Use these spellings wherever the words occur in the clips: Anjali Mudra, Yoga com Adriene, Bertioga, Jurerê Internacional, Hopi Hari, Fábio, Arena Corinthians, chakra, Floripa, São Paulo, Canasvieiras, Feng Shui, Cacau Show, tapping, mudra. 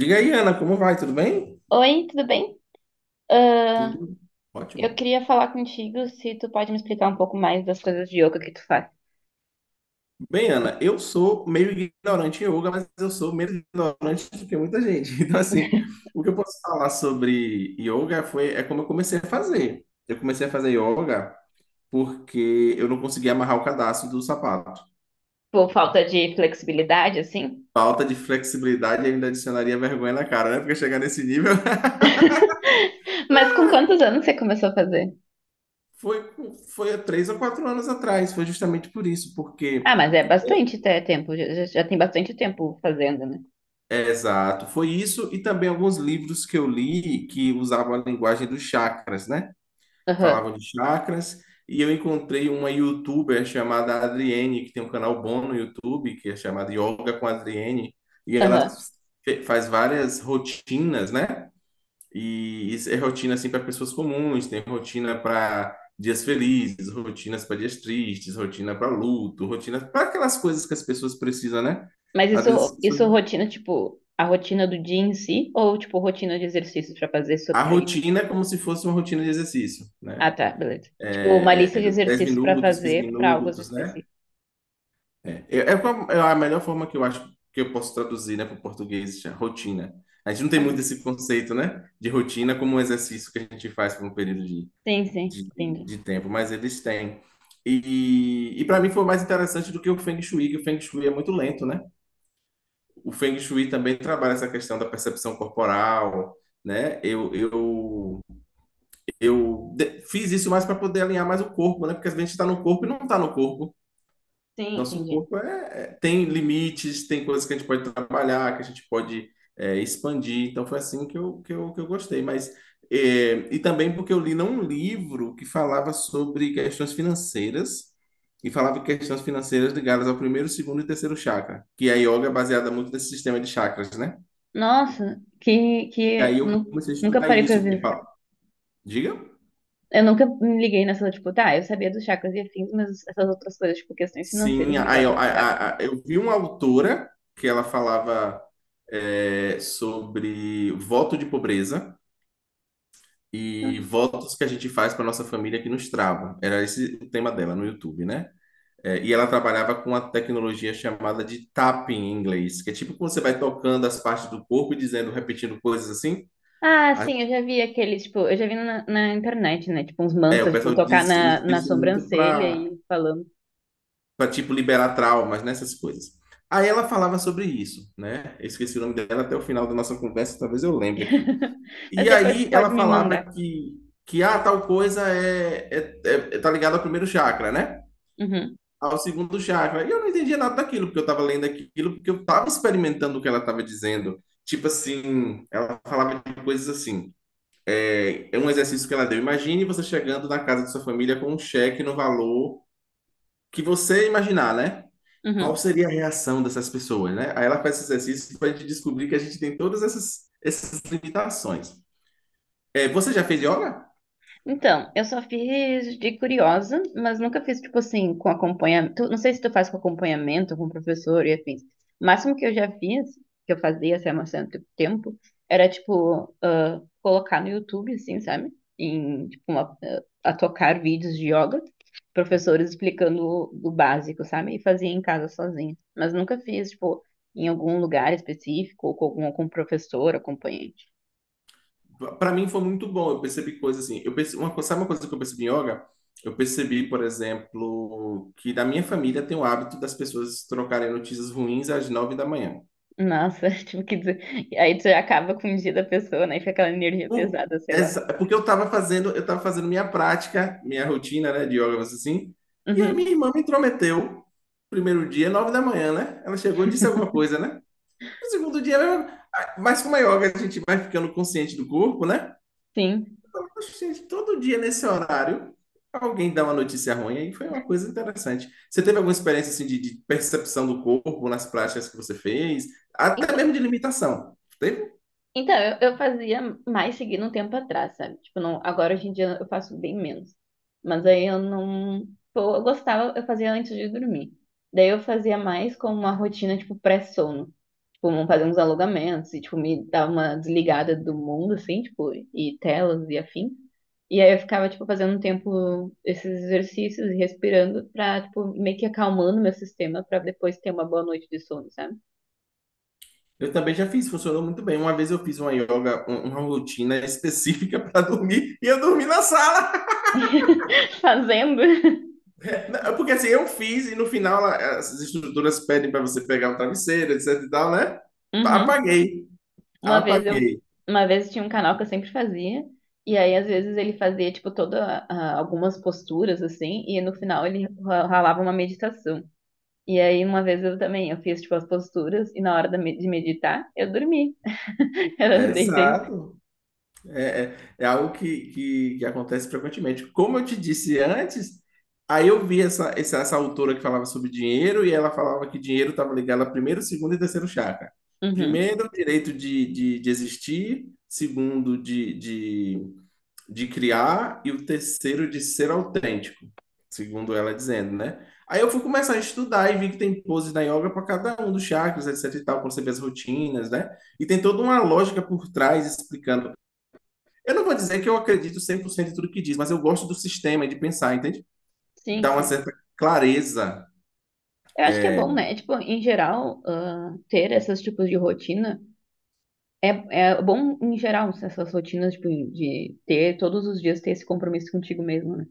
Diga aí, Ana, como vai? Tudo bem? Oi, tudo bem? Ah, Tudo eu ótimo. queria falar contigo se tu pode me explicar um pouco mais das coisas de yoga que tu faz. Bem, Ana, eu sou meio ignorante em yoga, mas eu sou menos ignorante do que muita gente. Então, assim, o que eu posso falar sobre yoga foi é como eu comecei a fazer. Eu comecei a fazer yoga porque eu não conseguia amarrar o cadarço do sapato. Por falta de flexibilidade, assim? Falta de flexibilidade ainda adicionaria vergonha na cara, né? Porque chegar nesse nível. Mas com quantos anos você começou a fazer? Foi, foi há 3 ou 4 anos atrás, foi justamente por isso, Ah, porque. mas é bastante até tempo, já tem bastante tempo fazendo, né? É, exato, foi isso e também alguns livros que eu li que usavam a linguagem dos chakras, né? Aham, Falavam de chakras e eu encontrei uma youtuber chamada Adriene, que tem um canal bom no YouTube, que é chamado Yoga com Adriene, e ela aham. Faz várias rotinas, né? E isso é rotina assim para pessoas comuns, tem rotina para dias felizes, rotinas para dias tristes, rotina para luto, rotina para aquelas coisas que as pessoas precisam, né? Mas Às vezes as isso, pessoas isso rotina, tipo, a rotina do dia em si? Ou, tipo, rotina de exercícios pra fazer só A pra isso? rotina é como se fosse uma rotina de exercício, Ah, né? tá, beleza. Tipo, uma lista de 10 exercícios pra minutos, 15 fazer pra algo minutos, né? específicos. É a melhor forma que eu acho que eu posso traduzir, né, para o português, já, rotina. A gente não tem muito Aham. esse conceito, né, de rotina como um exercício que a gente faz por um período Sim, sim, de, entendi. de tempo, mas eles têm. E para mim foi mais interessante do que o Feng Shui, que o Feng Shui é muito lento, né? O Feng Shui também trabalha essa questão da percepção corporal, né? Fiz isso mais para poder alinhar mais o corpo, né? Porque às vezes a gente está no corpo e não está no corpo. Sim, Nosso entendi. corpo tem limites, tem coisas que a gente pode trabalhar, que a gente pode expandir. Então foi assim que eu gostei. Mas e também porque eu li num livro que falava sobre questões financeiras e falava de questões financeiras ligadas ao primeiro, segundo e terceiro chakra, que a yoga é baseada muito nesse sistema de chakras, né? Nossa, que, E aí que eu nu- comecei a nunca estudar parei pra isso, porque ver. fala, diga. Eu nunca me liguei nessa, tipo, tá, eu sabia dos chakras e afins, mas essas outras coisas, tipo, questões Sim, financeiras aí eu, ligadas a chakras. A- eu vi uma autora que ela falava sobre voto de pobreza e votos que a gente faz para nossa família que nos travam. Era esse o tema dela no YouTube, né? É, e ela trabalhava com a tecnologia chamada de tapping em inglês, que é tipo quando você vai tocando as partes do corpo e dizendo, repetindo coisas assim. Ah, A- sim, eu já vi aqueles, tipo, eu já vi na internet, né? Tipo, uns É, o mantras, tipo, pessoal tocar diz, na, usa na isso muito sobrancelha para e falando. Tipo liberar traumas, nessas coisas. Aí ela falava sobre isso, né? Eu esqueci o nome dela até o final da nossa conversa, talvez eu lembre aqui. Mas E depois tu aí ela pode me falava mandar. Tal coisa tá ligado ao primeiro chakra, né? Uhum, Ao segundo chakra. E eu não entendia nada daquilo, porque eu estava lendo aquilo, porque eu estava experimentando o que ela estava dizendo. Tipo assim, ela falava de coisas assim. É, é um exercício que ela deu. Imagine você chegando na casa de sua família com um cheque no valor que você imaginar, né? Qual uhum. seria a reação dessas pessoas, né? Aí ela faz esse exercício para a gente descobrir que a gente tem todas essas limitações. É, você já fez yoga? Então, eu só fiz de curiosa, mas nunca fiz, tipo assim, com acompanhamento. Não sei se tu faz com acompanhamento, com professor e afins. O máximo que eu já fiz, que eu fazia, assim, há um certo tempo, era, tipo, ah, colocar no YouTube, assim, sabe? Em, tipo, a tocar vídeos de yoga, professores explicando o básico, sabe? E fazia em casa sozinha. Mas nunca fiz, tipo, em algum lugar específico, ou com algum, com professor, acompanhante. Para mim foi muito bom. Eu percebi coisas assim. Eu percebi, uma, sabe uma coisa que eu percebi em yoga? Eu percebi, por exemplo, que na minha família tem o hábito das pessoas trocarem notícias ruins às 9 da manhã. Nossa, tipo, que dizer. Aí tu já acaba com o dia da pessoa, né? E fica aquela energia Por- pesada, sei lá. essa- é porque eu tava fazendo minha prática, minha rotina, né, de yoga, assim. E aí minha Uhum, irmã me intrometeu. Primeiro dia, 9 da manhã, né? Ela chegou, disse alguma coisa, né? No segundo dia, mas como é yoga, a gente vai ficando consciente do corpo, né? sim. Poxa, gente, todo dia nesse horário, alguém dá uma notícia ruim, aí foi uma coisa interessante. Você teve alguma experiência assim de percepção do corpo nas práticas que você fez? Até mesmo de limitação. Teve? Então, eu fazia mais seguindo um tempo atrás, sabe? Tipo, não, agora hoje em dia eu faço bem menos. Mas aí eu não. Pô, eu gostava, eu fazia antes de dormir. Daí eu fazia mais como uma rotina, tipo, pré-sono. Tipo, fazer uns alongamentos e, tipo, me dar uma desligada do mundo, assim, tipo, e telas e afim. E aí eu ficava, tipo, fazendo um tempo esses exercícios e respirando pra, tipo, meio que acalmando meu sistema pra depois ter uma boa noite de sono, sabe? Eu também já fiz, funcionou muito bem. Uma vez eu fiz uma yoga, uma rotina específica para dormir, e eu dormi na sala. Fazendo. Porque assim, eu fiz, e no final as estruturas pedem para você pegar um travesseiro, etc e tal, né? Uhum. Apaguei, Uma vez eu, apaguei. uma vez tinha um canal que eu sempre fazia, e aí às vezes ele fazia tipo algumas posturas assim, e no final ele ralava uma meditação. E aí uma vez eu também, eu fiz tipo as posturas e na hora de meditar, eu dormi. Eu deitei. Exato. É, algo que acontece frequentemente. Como eu te disse antes, aí eu vi essa autora que falava sobre dinheiro e ela falava que dinheiro estava ligado a primeiro, segundo e terceiro chakra. Uhum. Primeiro, direito de existir, segundo, de criar, e o terceiro, de ser autêntico, segundo ela dizendo, né? Aí eu fui começar a estudar e vi que tem poses na yoga para cada um dos chakras, etc e tal, para você ver as rotinas, né? E tem toda uma lógica por trás explicando eu não vou dizer que eu acredito 100% em tudo que diz, mas eu gosto do sistema e de pensar, entende? Sim, Dá uma sim. certa clareza. Eu acho que é É, bom, né? É, tipo, em geral, ah, ter esses tipos de rotina é, é bom em geral, essas rotinas tipo de ter todos os dias ter esse compromisso contigo mesmo, né?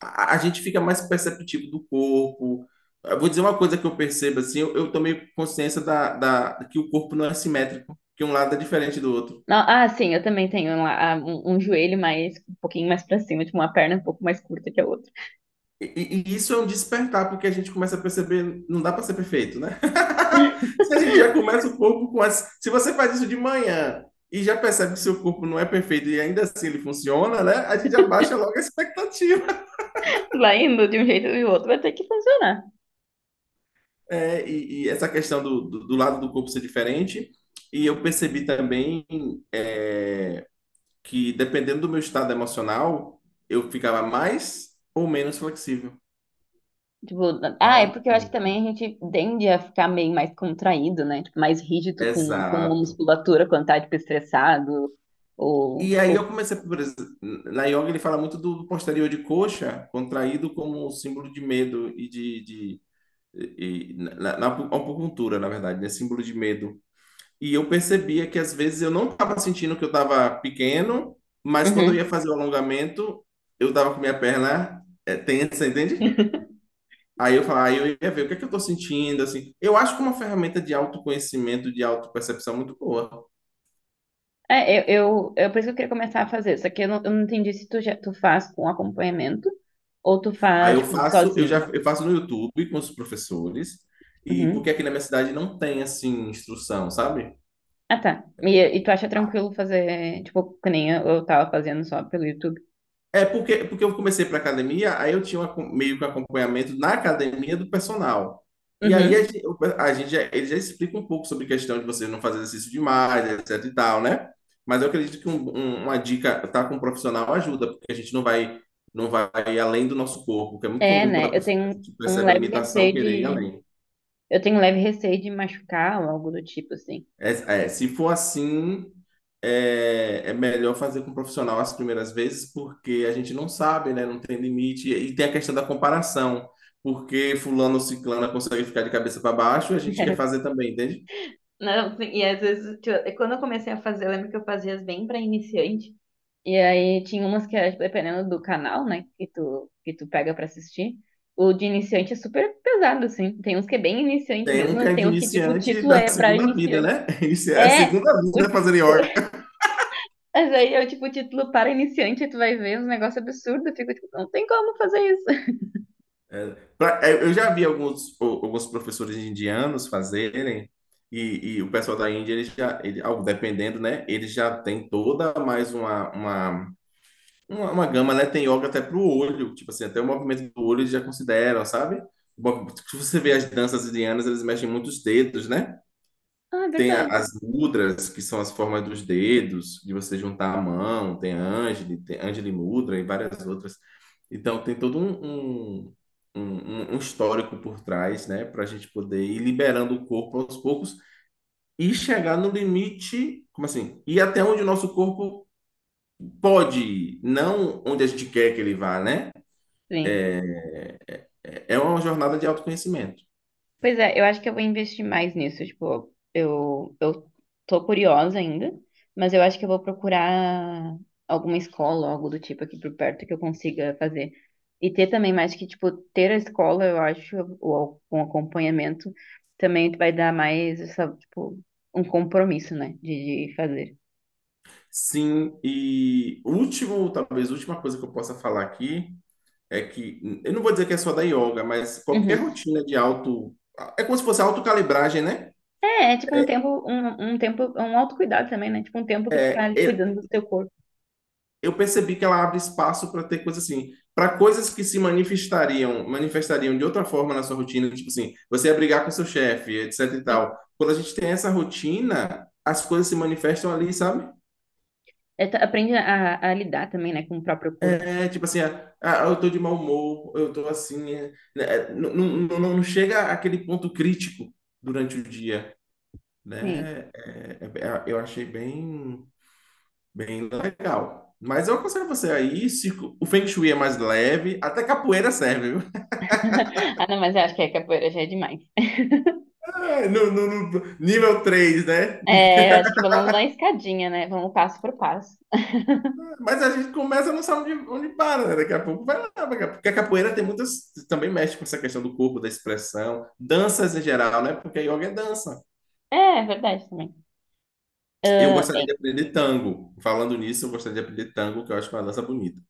a gente fica mais perceptivo do corpo. Eu vou dizer uma coisa que eu percebo, assim, eu tomei consciência que o corpo não é simétrico, que um lado é diferente do outro. Não, ah, sim, eu também tenho um joelho mais, um pouquinho mais pra cima, tipo, uma perna um pouco mais curta que a outra. E isso é um despertar, porque a gente começa a perceber, não dá para ser perfeito, né? Se a gente já começa o corpo com as. Se você faz isso de manhã e já percebe que seu corpo não é perfeito e ainda assim ele funciona, né? A gente abaixa logo a expectativa. Lá indo de um jeito ou de outro vai ter que funcionar. É, essa questão do lado do corpo ser diferente. E eu percebi também é, que dependendo do meu estado emocional, eu ficava mais ou menos flexível, Tipo, é né? porque eu acho que também a gente tende a ficar meio mais contraído, né? Tipo, mais rígido com uma Exato. musculatura quando tá, tipo, estressado ou... E aí ou... eu comecei, por exemplo, na yoga ele fala muito do posterior de coxa contraído como um símbolo de medo e de e, na, na acupuntura, na verdade, né? Símbolo de medo. E eu percebia que às vezes eu não estava sentindo que eu estava pequeno, mas quando eu ia Uhum. fazer o alongamento, eu estava com minha perna tensa, entende? Aí eu falava, aí eu ia ver o que é que eu estou sentindo, assim. Eu acho que é uma ferramenta de autoconhecimento, de autopercepção muito boa. É, eu, por isso que eu queria começar a fazer, só que eu não entendi se tu faz com acompanhamento ou tu Aí faz, eu tipo, faço, eu já sozinho. eu faço no YouTube com os professores, e porque Uhum. aqui na minha cidade não tem assim instrução, sabe? Ah, tá. E tu acha tranquilo fazer, tipo, que nem eu tava fazendo só pelo YouTube? É porque, porque eu comecei para academia, aí eu tinha um meio que um acompanhamento na academia do personal. E aí Uhum. Ele já explica um pouco sobre a questão de você não fazer exercício demais, etc e tal, né? Mas eu acredito que uma dica tá com um profissional ajuda, porque a gente não vai além do nosso corpo, que é muito É, comum quando né? a pessoa percebe a limitação querer ir além. Eu tenho um leve receio de machucar ou algo do tipo, assim. É, é, se for assim, é melhor fazer com um profissional as primeiras vezes, porque a gente não sabe, né? Não tem limite. E tem a questão da comparação, porque fulano ou ciclana consegue ficar de cabeça para baixo, a gente quer fazer também, entende? Não, sim, e às vezes, tipo, é quando eu comecei a fazer, eu lembro que eu fazia as bem pra iniciante. E aí tinha umas que, era, tipo, dependendo do canal, né, que tu pega pra assistir, o de iniciante é super pesado, assim. Tem uns que é bem iniciante Tem um mesmo, que mas é tem de uns que, tipo, o iniciante título da é pra segunda vida, iniciante. né? É a É! segunda O, vida fazendo yoga. Mas aí eu, tipo, título para iniciante, aí tu vai ver uns negócios absurdos, eu fico, tipo, não tem como fazer isso. É, eu já vi alguns, alguns professores indianos fazerem, e o pessoal da Índia, ele já, ele, ao- dependendo, né? Ele já tem toda mais uma gama, né? Tem yoga até pro olho, tipo assim, até o movimento do olho eles já consideram, sabe? O Se você vê as danças indianas, eles mexem muito os dedos, né? Ah, é Tem a- verdade. as mudras, que são as formas dos dedos, de você juntar a mão, tem Anjali Mudra e várias outras. Então, tem todo um histórico por trás, né? Para a gente poder ir liberando o corpo aos poucos e chegar no limite, como assim? Ir até onde o nosso corpo pode ir, não onde a gente quer que ele vá, né? Sim. É É uma jornada de autoconhecimento. Pois é, eu acho que eu vou investir mais nisso. Tipo, eu tô curiosa ainda, mas eu acho que eu vou procurar alguma escola, algo do tipo aqui por perto que eu consiga fazer. E ter também mais que, tipo, ter a escola, eu acho, ou com acompanhamento, também tu vai dar mais essa, tipo, um compromisso, né, de fazer. Sim, e último, talvez última coisa que eu possa falar aqui é que eu não vou dizer que é só da yoga, mas qualquer Uhum. rotina de auto, é como se fosse autocalibragem, né? É tipo um tempo, um tempo, um autocuidado também, né? Tipo um tempo que tu tá É, ali é, cuidando do teu corpo. eu percebi que ela abre espaço para ter coisas assim, para coisas que se manifestariam, manifestariam de outra forma na sua rotina, tipo assim, você ia brigar com seu chefe, etc e Sim. tal. Quando a gente tem essa rotina, as coisas se manifestam ali, sabe? É, tu aprende a lidar também, né, com o próprio corpo. É tipo assim, ah, eu tô de mau humor, eu tô assim, não, não, não, chega àquele ponto crítico durante o dia, Sim. né? Eu achei bem, bem legal. Mas eu aconselho você aí, se o Feng Shui é mais leve, até capoeira serve, viu? Ah, não, mas eu acho que a capoeira já é demais. É, no nível 3, né? É, eu acho que vamos na escadinha, né? Vamos passo por passo. Mas a gente começa, não sabe onde para, né? Daqui a pouco vai lá, daqui a pouco. Porque a capoeira tem muitas. Também mexe com essa questão do corpo, da expressão, danças em geral, né? Porque a yoga é dança. É, é verdade também. Eu Ah, gostaria é, de aprender tango. Falando nisso, eu gostaria de aprender tango, que eu acho uma dança bonita.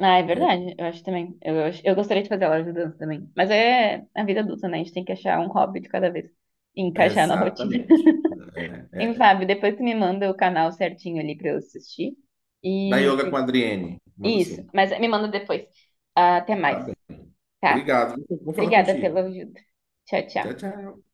ah, é É, verdade, eu acho também. Eu gostaria de fazer aula de dança também. Mas é a vida adulta, né? A gente tem que achar um hobby de cada vez e encaixar na rotina. exatamente. É, E, é. Fábio, depois tu me manda o canal certinho ali pra eu assistir. Da E yoga com a Adriene. e Mando isso, sim. mas me manda depois. Ah, até Tá mais, bem. tá? Obrigado. Vou falar Obrigada pela contigo. ajuda. Tchau, Tchau, tchau. tchau.